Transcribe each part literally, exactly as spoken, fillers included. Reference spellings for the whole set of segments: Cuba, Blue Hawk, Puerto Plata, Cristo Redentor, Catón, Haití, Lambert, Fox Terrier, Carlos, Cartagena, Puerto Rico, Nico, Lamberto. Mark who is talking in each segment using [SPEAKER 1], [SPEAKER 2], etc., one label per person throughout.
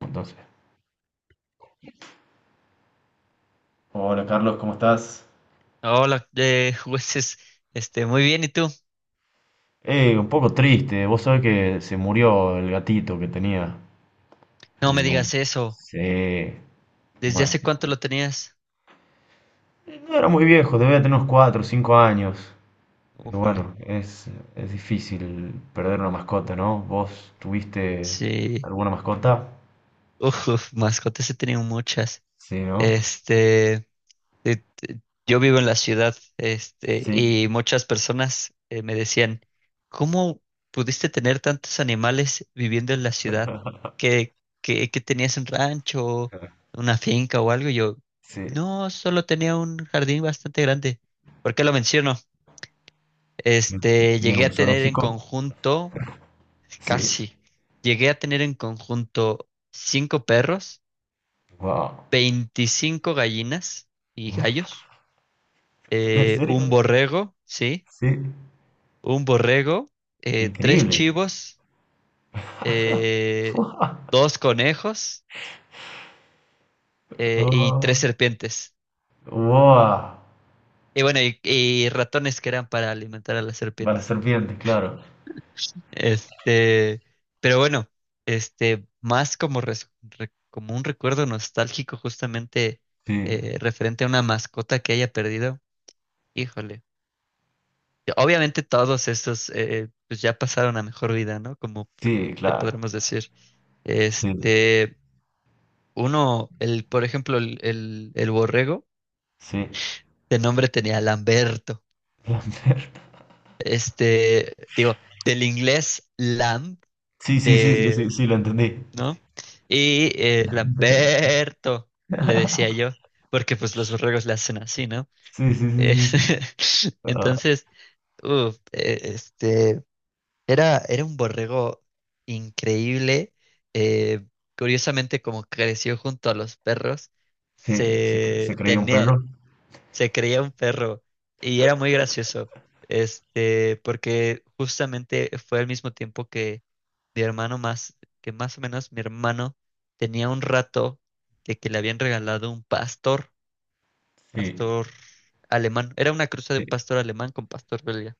[SPEAKER 1] Entonces, hola Carlos, ¿cómo estás?
[SPEAKER 2] Hola, eh, jueces, este, muy bien, ¿y tú?
[SPEAKER 1] Eh, un poco triste. Vos sabés que se murió el gatito que tenía.
[SPEAKER 2] No me
[SPEAKER 1] Y bueno,
[SPEAKER 2] digas eso.
[SPEAKER 1] sí,
[SPEAKER 2] ¿Desde
[SPEAKER 1] bueno.
[SPEAKER 2] hace cuánto lo tenías?
[SPEAKER 1] No era muy viejo, debía tener unos cuatro o cinco años. Pero
[SPEAKER 2] Ufale.
[SPEAKER 1] bueno, es, es difícil perder una mascota, ¿no? ¿Vos tuviste
[SPEAKER 2] Sí,
[SPEAKER 1] alguna mascota?
[SPEAKER 2] uf, mascotas he tenido muchas.
[SPEAKER 1] Sí, ¿no?
[SPEAKER 2] Este, eh, eh, yo vivo en la ciudad, este,
[SPEAKER 1] Sí,
[SPEAKER 2] y muchas personas eh, me decían, ¿cómo pudiste tener tantos animales viviendo en la ciudad? ¿Que, que, que tenías un rancho, una finca o algo? Y yo,
[SPEAKER 1] sí.
[SPEAKER 2] no, solo tenía un jardín bastante grande. ¿Por qué lo menciono? Este,
[SPEAKER 1] ¿Tenías
[SPEAKER 2] llegué
[SPEAKER 1] un
[SPEAKER 2] a tener en
[SPEAKER 1] zoológico?
[SPEAKER 2] conjunto,
[SPEAKER 1] Sí.
[SPEAKER 2] casi, llegué a tener en conjunto cinco perros,
[SPEAKER 1] Wow.
[SPEAKER 2] veinticinco gallinas y gallos,
[SPEAKER 1] ¿En
[SPEAKER 2] eh,
[SPEAKER 1] serio?
[SPEAKER 2] un borrego, sí,
[SPEAKER 1] Sí.
[SPEAKER 2] un borrego, eh, tres
[SPEAKER 1] Increíble.
[SPEAKER 2] chivos, eh, dos conejos eh, y
[SPEAKER 1] Wow.
[SPEAKER 2] tres serpientes.
[SPEAKER 1] Wow.
[SPEAKER 2] Y bueno, y, y ratones que eran para alimentar a las
[SPEAKER 1] Para
[SPEAKER 2] serpientes.
[SPEAKER 1] serpientes, claro.
[SPEAKER 2] Este, pero bueno, este, más como, res- re- como un recuerdo nostálgico justamente
[SPEAKER 1] Sí,
[SPEAKER 2] eh, referente a una mascota que haya perdido, híjole. Que Obviamente todos estos eh, pues ya pasaron a mejor vida, ¿no? Como p-
[SPEAKER 1] sí,
[SPEAKER 2] le
[SPEAKER 1] claro.
[SPEAKER 2] podremos decir.
[SPEAKER 1] Sí,
[SPEAKER 2] Este, uno, el, por ejemplo, el, el, el borrego,
[SPEAKER 1] sí.
[SPEAKER 2] de nombre tenía Lamberto.
[SPEAKER 1] Lambert.
[SPEAKER 2] Este, digo, del inglés lamb,
[SPEAKER 1] Sí, sí, sí, sí, sí,
[SPEAKER 2] de
[SPEAKER 1] sí, lo entendí.
[SPEAKER 2] ¿no? Y eh, Lamberto, le decía yo, porque pues los borregos le hacen así, ¿no?
[SPEAKER 1] Sí, sí, sí, sí,
[SPEAKER 2] Es-
[SPEAKER 1] sí. Ah,
[SPEAKER 2] Entonces, uf, eh, este, era, era un borrego increíble. eh, Curiosamente, como creció junto a los perros,
[SPEAKER 1] sí, se, cre- se
[SPEAKER 2] se
[SPEAKER 1] creía un perro.
[SPEAKER 2] tenía, se creía un perro y era muy gracioso, este, porque justamente fue al mismo tiempo mi hermano más, que más o menos mi hermano tenía un rato de que le habían regalado un pastor,
[SPEAKER 1] Sí,
[SPEAKER 2] pastor alemán. Era una cruza de
[SPEAKER 1] sí,
[SPEAKER 2] un pastor alemán con pastor belga.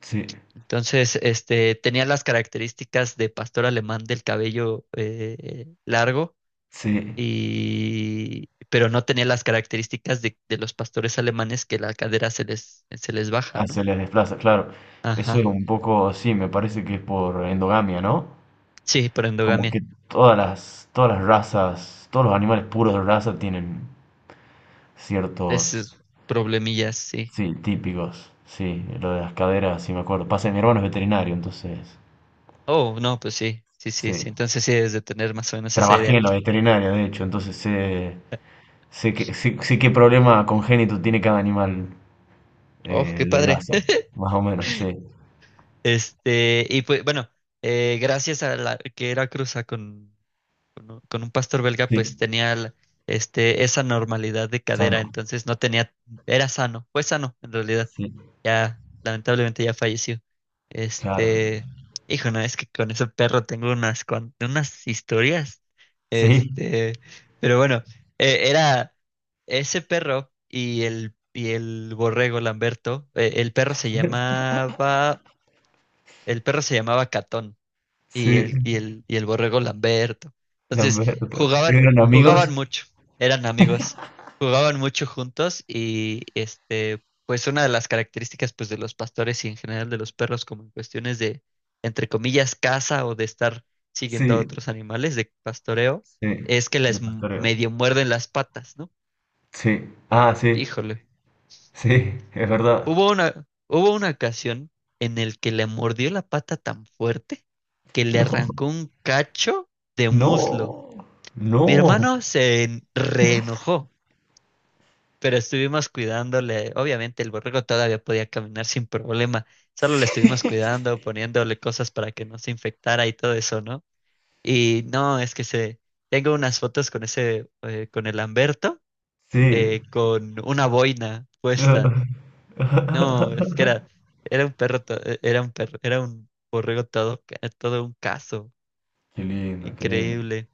[SPEAKER 1] sí,
[SPEAKER 2] Entonces, este, tenía las características de pastor alemán del cabello eh, largo.
[SPEAKER 1] sí.
[SPEAKER 2] Y, pero no tenía las características de, de los pastores alemanes, que la cadera se les, se les baja,
[SPEAKER 1] Ah,
[SPEAKER 2] ¿no?
[SPEAKER 1] se les desplaza, claro. Eso es
[SPEAKER 2] Ajá.
[SPEAKER 1] un poco, sí, me parece que es por endogamia, ¿no?
[SPEAKER 2] Sí, por
[SPEAKER 1] Como
[SPEAKER 2] endogamia.
[SPEAKER 1] que todas las, todas las razas, todos los animales puros de raza tienen ciertos.
[SPEAKER 2] Esos problemillas, sí.
[SPEAKER 1] Sí, típicos. Sí, lo de las caderas, sí me acuerdo. Pasa que mi hermano es veterinario, entonces.
[SPEAKER 2] Oh, no, pues sí, sí, sí, sí.
[SPEAKER 1] Sí.
[SPEAKER 2] Entonces sí debes de tener más o menos esa
[SPEAKER 1] Trabajé
[SPEAKER 2] idea.
[SPEAKER 1] en la veterinaria, de hecho, entonces sé, sé, que, sé, sé qué problema congénito tiene cada animal
[SPEAKER 2] Oh,
[SPEAKER 1] eh,
[SPEAKER 2] qué
[SPEAKER 1] de
[SPEAKER 2] padre.
[SPEAKER 1] raza. Más o menos, sí.
[SPEAKER 2] Este, y pues bueno, eh, gracias a la que era cruza con con un, con un pastor belga,
[SPEAKER 1] Sí,
[SPEAKER 2] pues tenía la- este, esa normalidad de
[SPEAKER 1] sano.
[SPEAKER 2] cadera, entonces no tenía, era sano, fue sano en realidad.
[SPEAKER 1] Sí,
[SPEAKER 2] Ya, lamentablemente ya falleció.
[SPEAKER 1] claro.
[SPEAKER 2] Este, hijo, no, es que con ese perro tengo unas, cuan- unas historias.
[SPEAKER 1] Sí,
[SPEAKER 2] Este, pero bueno, eh, era ese perro y el, y el borrego Lamberto. Eh, el perro se llamaba, el perro se llamaba Catón y
[SPEAKER 1] sí,
[SPEAKER 2] el, y el, y el borrego Lamberto. Entonces,
[SPEAKER 1] Lamberto.
[SPEAKER 2] jugaban,
[SPEAKER 1] ¿Eran amigos?
[SPEAKER 2] jugaban mucho, eran amigos, jugaban mucho juntos y este, pues una de las características pues de los pastores y en general de los perros como en cuestiones de, entre comillas, caza o de estar siguiendo a
[SPEAKER 1] Sí,
[SPEAKER 2] otros animales de pastoreo,
[SPEAKER 1] sí,
[SPEAKER 2] es que
[SPEAKER 1] de
[SPEAKER 2] les m-
[SPEAKER 1] pastoreo.
[SPEAKER 2] medio muerden las patas, ¿no?
[SPEAKER 1] Sí, ah, sí,
[SPEAKER 2] Híjole,
[SPEAKER 1] sí, es verdad.
[SPEAKER 2] hubo una, hubo una ocasión en el que le mordió la pata tan fuerte que le arrancó un cacho de
[SPEAKER 1] No,
[SPEAKER 2] muslo.
[SPEAKER 1] no,
[SPEAKER 2] Mi
[SPEAKER 1] no.
[SPEAKER 2] hermano se en- reenojó, pero estuvimos cuidándole. Obviamente el borrego todavía podía caminar sin problema. Solo le estuvimos cuidando, poniéndole cosas para que no se infectara y todo eso, ¿no? Y no, es que se tengo unas fotos con ese, eh, con el Lamberto,
[SPEAKER 1] Sí,
[SPEAKER 2] eh, con una boina puesta. No, es que era, era un perro, to- eh, era un perro, era un borrego todo, ca- todo un caso.
[SPEAKER 1] qué lindo, qué lindo.
[SPEAKER 2] Increíble.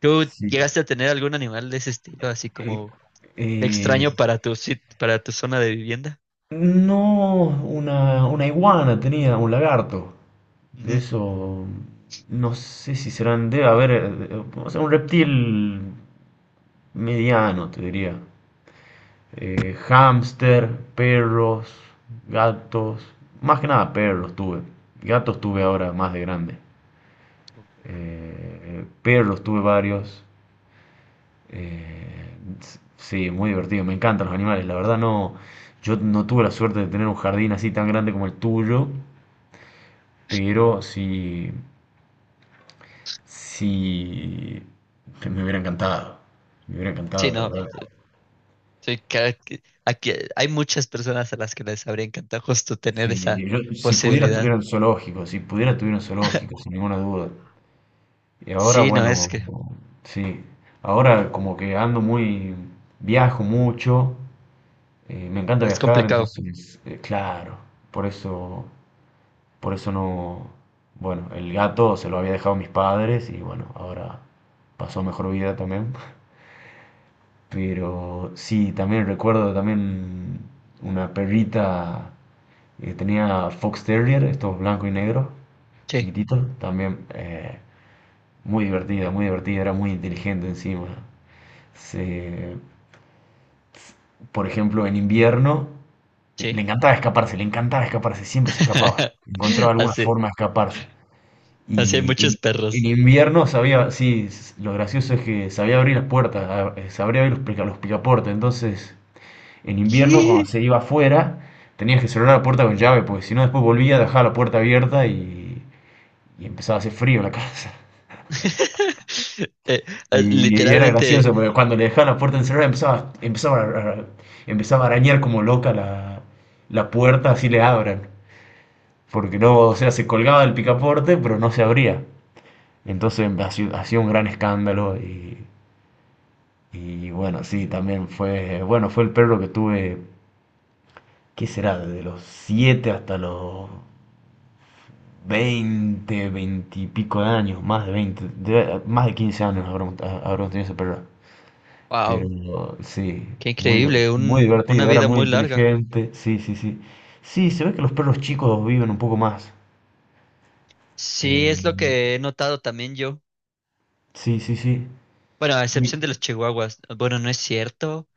[SPEAKER 2] ¿Tú
[SPEAKER 1] Sí.
[SPEAKER 2] llegaste a tener algún animal de ese estilo, así
[SPEAKER 1] Eh,
[SPEAKER 2] como
[SPEAKER 1] eh,
[SPEAKER 2] Extraño para tu, sit- para tu zona de vivienda?
[SPEAKER 1] no, una, una iguana tenía, un lagarto. De
[SPEAKER 2] Ujú.
[SPEAKER 1] eso, no sé si serán, debe haber, eh, o sea, un reptil mediano, te diría. Eh, hámster, perros, gatos, más que nada perros tuve. Gatos tuve ahora más de grande. Eh, eh, Perros tuve varios. Eh, sí, muy divertido, me encantan los animales. La verdad no, yo no tuve la suerte de tener un jardín así tan grande como el tuyo, pero sí, sí, me hubiera encantado. Me hubiera
[SPEAKER 2] Sí,
[SPEAKER 1] encantado, la
[SPEAKER 2] no.
[SPEAKER 1] verdad.
[SPEAKER 2] Te- sí, cada que- aquí hay muchas personas a las que les habría encantado justo tener
[SPEAKER 1] Sí,
[SPEAKER 2] esa
[SPEAKER 1] yo, si pudiera tuviera
[SPEAKER 2] posibilidad.
[SPEAKER 1] un zoológico, si pudiera tuviera un zoológico, sin ninguna duda. Y ahora,
[SPEAKER 2] Sí, no, es
[SPEAKER 1] bueno,
[SPEAKER 2] que
[SPEAKER 1] sí, ahora como que ando muy, viajo mucho, eh, me encanta
[SPEAKER 2] es
[SPEAKER 1] viajar,
[SPEAKER 2] complicado.
[SPEAKER 1] entonces, eh, claro, por eso... Por eso no... Bueno, el gato se lo había dejado a mis padres y bueno, ahora pasó mejor vida también. Pero sí, también recuerdo también una perrita que tenía Fox Terrier, estos blancos y negros,
[SPEAKER 2] Sí,
[SPEAKER 1] chiquititos, también eh, muy divertida, muy divertida, era muy inteligente encima. Se, por ejemplo, en invierno eh, le
[SPEAKER 2] sí.
[SPEAKER 1] encantaba escaparse, le encantaba escaparse, siempre se escapaba, encontraba alguna
[SPEAKER 2] Así,
[SPEAKER 1] forma de escaparse.
[SPEAKER 2] así hay
[SPEAKER 1] Y en,
[SPEAKER 2] muchos
[SPEAKER 1] en
[SPEAKER 2] perros.
[SPEAKER 1] invierno sabía, sí, s- lo gracioso es que sabía abrir las puertas, a- eh, sabría abrir los, pica- los picaportes. Entonces, en invierno, cuando
[SPEAKER 2] ¿Qué?
[SPEAKER 1] se iba afuera, tenías que cerrar la puerta con llave, porque si no, después volvía, dejaba la puerta abierta y, y empezaba a hacer frío la casa.
[SPEAKER 2] Eh, eh,
[SPEAKER 1] Y, y era
[SPEAKER 2] literalmente,
[SPEAKER 1] gracioso, porque cuando le dejaba la puerta encerrada, empezaba, empezaba, a, a- empezaba a arañar como loca la, la puerta, así le abran. Porque no, o sea, se colgaba del picaporte, pero no se abría. Entonces hacía un gran escándalo y, y bueno, sí, también fue, bueno, fue el perro que tuve, ¿qué será? Desde los siete hasta los veinte 20 y pico de años, más de veinte de- más de quince años habremos, habremos tenido ese perro.
[SPEAKER 2] wow,
[SPEAKER 1] Pero sí,
[SPEAKER 2] qué
[SPEAKER 1] muy,
[SPEAKER 2] increíble,
[SPEAKER 1] muy
[SPEAKER 2] un, una
[SPEAKER 1] divertido, era
[SPEAKER 2] vida
[SPEAKER 1] muy
[SPEAKER 2] muy larga.
[SPEAKER 1] inteligente, sí, sí, sí. Sí, se ve que los perros chicos viven un poco más.
[SPEAKER 2] Sí,
[SPEAKER 1] eh,
[SPEAKER 2] es lo que he notado también yo.
[SPEAKER 1] sí, sí, sí.
[SPEAKER 2] Bueno, a
[SPEAKER 1] Y-
[SPEAKER 2] excepción de los chihuahuas. Bueno, no es cierto.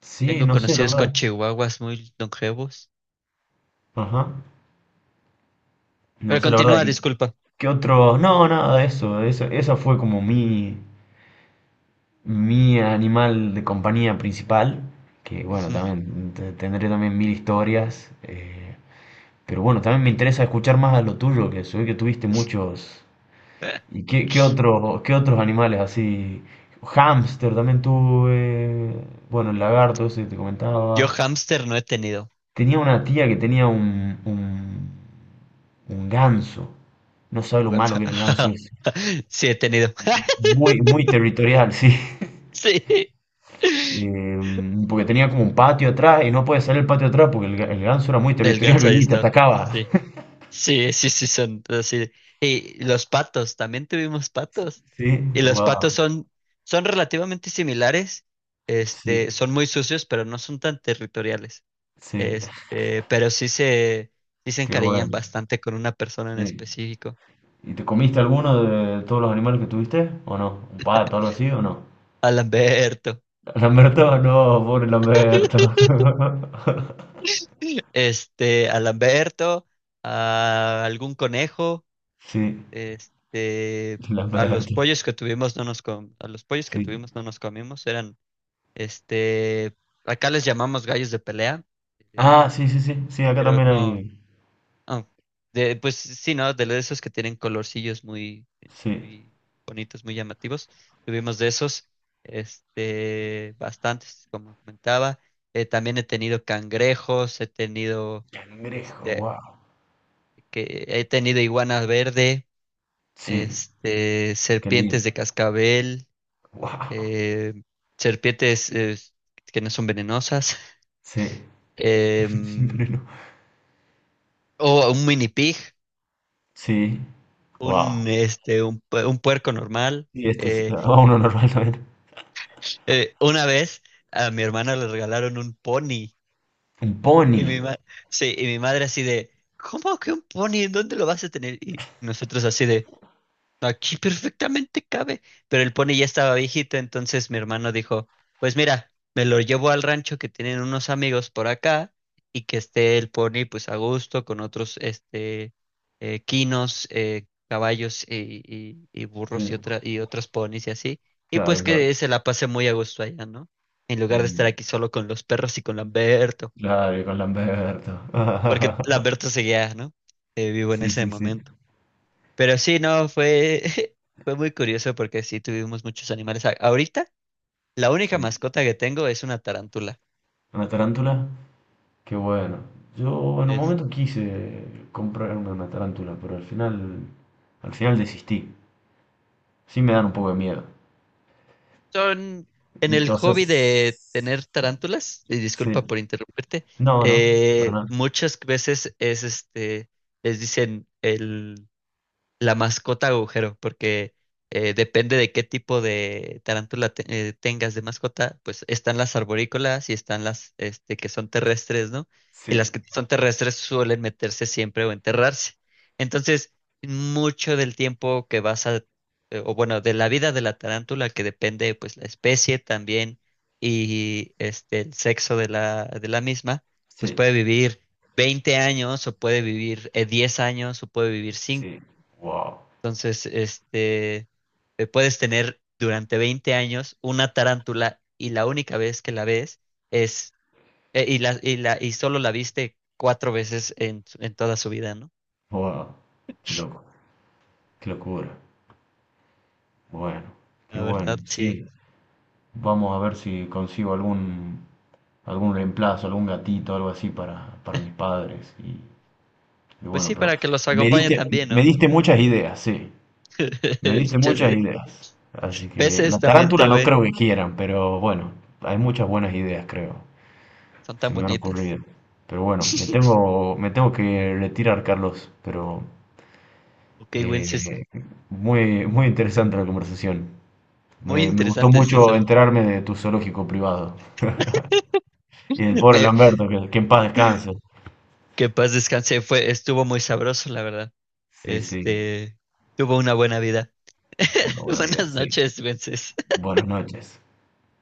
[SPEAKER 1] sí,
[SPEAKER 2] Tengo
[SPEAKER 1] no sé, la
[SPEAKER 2] conocidos
[SPEAKER 1] verdad.
[SPEAKER 2] con chihuahuas muy longevos.
[SPEAKER 1] Ajá. No
[SPEAKER 2] Pero
[SPEAKER 1] sé, la verdad.
[SPEAKER 2] continúa, disculpa.
[SPEAKER 1] ¿Qué otros? No, nada de eso. Eso, eso fue como mi, mi animal de compañía principal. Que bueno,
[SPEAKER 2] Ujú.
[SPEAKER 1] también te- tendré también mil historias. Eh, pero bueno, también me interesa escuchar más a lo tuyo, que soy que tuviste muchos. ¿Y qué, qué otro- qué otros animales así? Hámster también tuve. Bueno, el lagarto ese que te
[SPEAKER 2] Yo
[SPEAKER 1] comentaba.
[SPEAKER 2] hámster no he tenido.
[SPEAKER 1] Tenía una tía que tenía un, un, un ganso. No sabe lo malo
[SPEAKER 2] Ganso.
[SPEAKER 1] que era el ganso ese.
[SPEAKER 2] Sí, he tenido.
[SPEAKER 1] Muy, muy territorial, sí.
[SPEAKER 2] Sí.
[SPEAKER 1] Eh, porque tenía como un patio atrás y no podía salir el patio atrás porque el, ga- el ganso era muy
[SPEAKER 2] El
[SPEAKER 1] territorial,
[SPEAKER 2] ganso ahí
[SPEAKER 1] y te
[SPEAKER 2] está.
[SPEAKER 1] atacaba.
[SPEAKER 2] Sí. Sí, sí, sí, son así. Y los patos, también tuvimos patos.
[SPEAKER 1] Sí,
[SPEAKER 2] Y los patos
[SPEAKER 1] wow,
[SPEAKER 2] son, son relativamente similares.
[SPEAKER 1] sí,
[SPEAKER 2] Este, son muy sucios, pero no son tan territoriales.
[SPEAKER 1] sí,
[SPEAKER 2] Este, pero sí se, sí se
[SPEAKER 1] qué
[SPEAKER 2] encariñan
[SPEAKER 1] bueno.
[SPEAKER 2] bastante con una persona en
[SPEAKER 1] Sí.
[SPEAKER 2] específico,
[SPEAKER 1] ¿Y te comiste alguno de todos los animales que tuviste? ¿O no? ¿Un pato, algo así o no?
[SPEAKER 2] a Lamberto.
[SPEAKER 1] Lamberto, no, pobre Lamberto.
[SPEAKER 2] Este, a Lamberto, a algún conejo,
[SPEAKER 1] Sí,
[SPEAKER 2] este, a los
[SPEAKER 1] Lamberto,
[SPEAKER 2] pollos que tuvimos no nos com- a los pollos que
[SPEAKER 1] sí.
[SPEAKER 2] tuvimos no nos comimos, eran, este, acá les llamamos gallos de pelea, eh,
[SPEAKER 1] Ah, sí, sí, sí, sí, acá
[SPEAKER 2] pero
[SPEAKER 1] también
[SPEAKER 2] no.
[SPEAKER 1] hay.
[SPEAKER 2] Ah, de, pues sí, ¿no? De esos que tienen colorcillos muy,
[SPEAKER 1] Sí.
[SPEAKER 2] muy bonitos, muy llamativos. Tuvimos de esos, este, bastantes, como comentaba. Eh, también he tenido cangrejos, he tenido,
[SPEAKER 1] Cangrejo,
[SPEAKER 2] este,
[SPEAKER 1] wow.
[SPEAKER 2] que he tenido iguana verde,
[SPEAKER 1] Sí,
[SPEAKER 2] este,
[SPEAKER 1] qué lindo.
[SPEAKER 2] serpientes de cascabel,
[SPEAKER 1] Wow.
[SPEAKER 2] eh, serpientes eh, que no son venenosas,
[SPEAKER 1] Sí,
[SPEAKER 2] em,
[SPEAKER 1] siempre no.
[SPEAKER 2] o un mini pig,
[SPEAKER 1] Sí,
[SPEAKER 2] un,
[SPEAKER 1] wow.
[SPEAKER 2] este, un, pu- un puerco normal.
[SPEAKER 1] Y esto es
[SPEAKER 2] eh,
[SPEAKER 1] a uno normalmente.
[SPEAKER 2] Eh, una vez a mi hermana le regalaron un pony
[SPEAKER 1] Un pony.
[SPEAKER 2] y mi ma- sí, y mi madre así de, ¿cómo que un pony? ¿En dónde lo vas a tener? Y nosotros así de, aquí perfectamente cabe, pero el pony ya estaba viejito, entonces mi hermano dijo, pues mira, me lo llevo al rancho que tienen unos amigos por acá y que esté el pony pues a gusto con otros este eh, quinos, eh, caballos y, y- y
[SPEAKER 1] Sí,
[SPEAKER 2] burros y otra, y otros ponis y así, y
[SPEAKER 1] claro,
[SPEAKER 2] pues
[SPEAKER 1] claro.
[SPEAKER 2] que se la pase muy a gusto allá, ¿no? En lugar de estar
[SPEAKER 1] Mm,
[SPEAKER 2] aquí solo con los perros y con Lamberto,
[SPEAKER 1] claro, y con Lamberto.
[SPEAKER 2] porque Lamberto seguía, ¿no? Eh, vivo en
[SPEAKER 1] Sí,
[SPEAKER 2] ese
[SPEAKER 1] sí, sí.
[SPEAKER 2] momento. Pero sí, no, fue, fue muy curioso porque sí tuvimos muchos animales. A- Ahorita, la única
[SPEAKER 1] Sí.
[SPEAKER 2] mascota que tengo es una tarántula.
[SPEAKER 1] Una tarántula. Qué bueno. Yo en un
[SPEAKER 2] Es-
[SPEAKER 1] momento quise comprarme una una tarántula, pero al final, al final desistí. Sí me dan un poco de miedo.
[SPEAKER 2] Son en el
[SPEAKER 1] Entonces,
[SPEAKER 2] hobby de tener tarántulas, y
[SPEAKER 1] sí.
[SPEAKER 2] disculpa por interrumpirte,
[SPEAKER 1] No, no, para
[SPEAKER 2] eh,
[SPEAKER 1] nada.
[SPEAKER 2] muchas veces es este, les dicen el La mascota agujero, porque eh, depende de qué tipo de tarántula te- eh, tengas de mascota, pues están las arborícolas y están las este, que son terrestres, ¿no? Y
[SPEAKER 1] Sí,
[SPEAKER 2] las que son terrestres suelen meterse siempre o enterrarse. Entonces, mucho del tiempo que vas a, eh, o bueno, de la vida de la tarántula, que depende pues la especie también y este, el sexo de la, de la misma, pues
[SPEAKER 1] sí,
[SPEAKER 2] puede vivir veinte años o puede vivir eh, diez años o puede vivir cinco.
[SPEAKER 1] sí. Wow.
[SPEAKER 2] Entonces, este, eh, puedes tener durante veinte años una tarántula y la única vez que la ves es, eh, y la, y la, y solo la viste cuatro veces en, su- en toda su vida, ¿no?
[SPEAKER 1] Wow, qué loco, qué locura. Bueno, qué
[SPEAKER 2] La
[SPEAKER 1] bueno.
[SPEAKER 2] verdad, sí.
[SPEAKER 1] Sí, vamos a ver si consigo algún algún reemplazo, algún gatito, algo así para, para mis padres. Y, y
[SPEAKER 2] Pues
[SPEAKER 1] bueno,
[SPEAKER 2] sí,
[SPEAKER 1] pero
[SPEAKER 2] para que los
[SPEAKER 1] me
[SPEAKER 2] acompañe
[SPEAKER 1] diste,
[SPEAKER 2] también,
[SPEAKER 1] me
[SPEAKER 2] ¿no?
[SPEAKER 1] diste muchas ideas, sí. Me diste
[SPEAKER 2] Muchas
[SPEAKER 1] muchas
[SPEAKER 2] ideas.
[SPEAKER 1] ideas. Así que la
[SPEAKER 2] Peces también
[SPEAKER 1] tarántula no
[SPEAKER 2] tuve,
[SPEAKER 1] creo que quieran, pero bueno, hay muchas buenas ideas, creo.
[SPEAKER 2] son
[SPEAKER 1] Se
[SPEAKER 2] tan
[SPEAKER 1] me han
[SPEAKER 2] bonitas.
[SPEAKER 1] ocurrido. Pero bueno, me tengo, me tengo que retirar, Carlos. Pero
[SPEAKER 2] Ok, Wences,
[SPEAKER 1] eh, muy, muy interesante la conversación.
[SPEAKER 2] muy
[SPEAKER 1] Me, me gustó
[SPEAKER 2] interesante,
[SPEAKER 1] mucho
[SPEAKER 2] sinceramente.
[SPEAKER 1] enterarme de tu zoológico privado. Y del pobre
[SPEAKER 2] Me-
[SPEAKER 1] Lamberto, que, que en paz descanse.
[SPEAKER 2] que paz descanse, fue, estuvo muy sabroso, la verdad.
[SPEAKER 1] Sí, sí,
[SPEAKER 2] Este, tuvo una buena vida.
[SPEAKER 1] tuvo una buena vida,
[SPEAKER 2] Buenas
[SPEAKER 1] sí.
[SPEAKER 2] noches, Wences.
[SPEAKER 1] Buenas noches.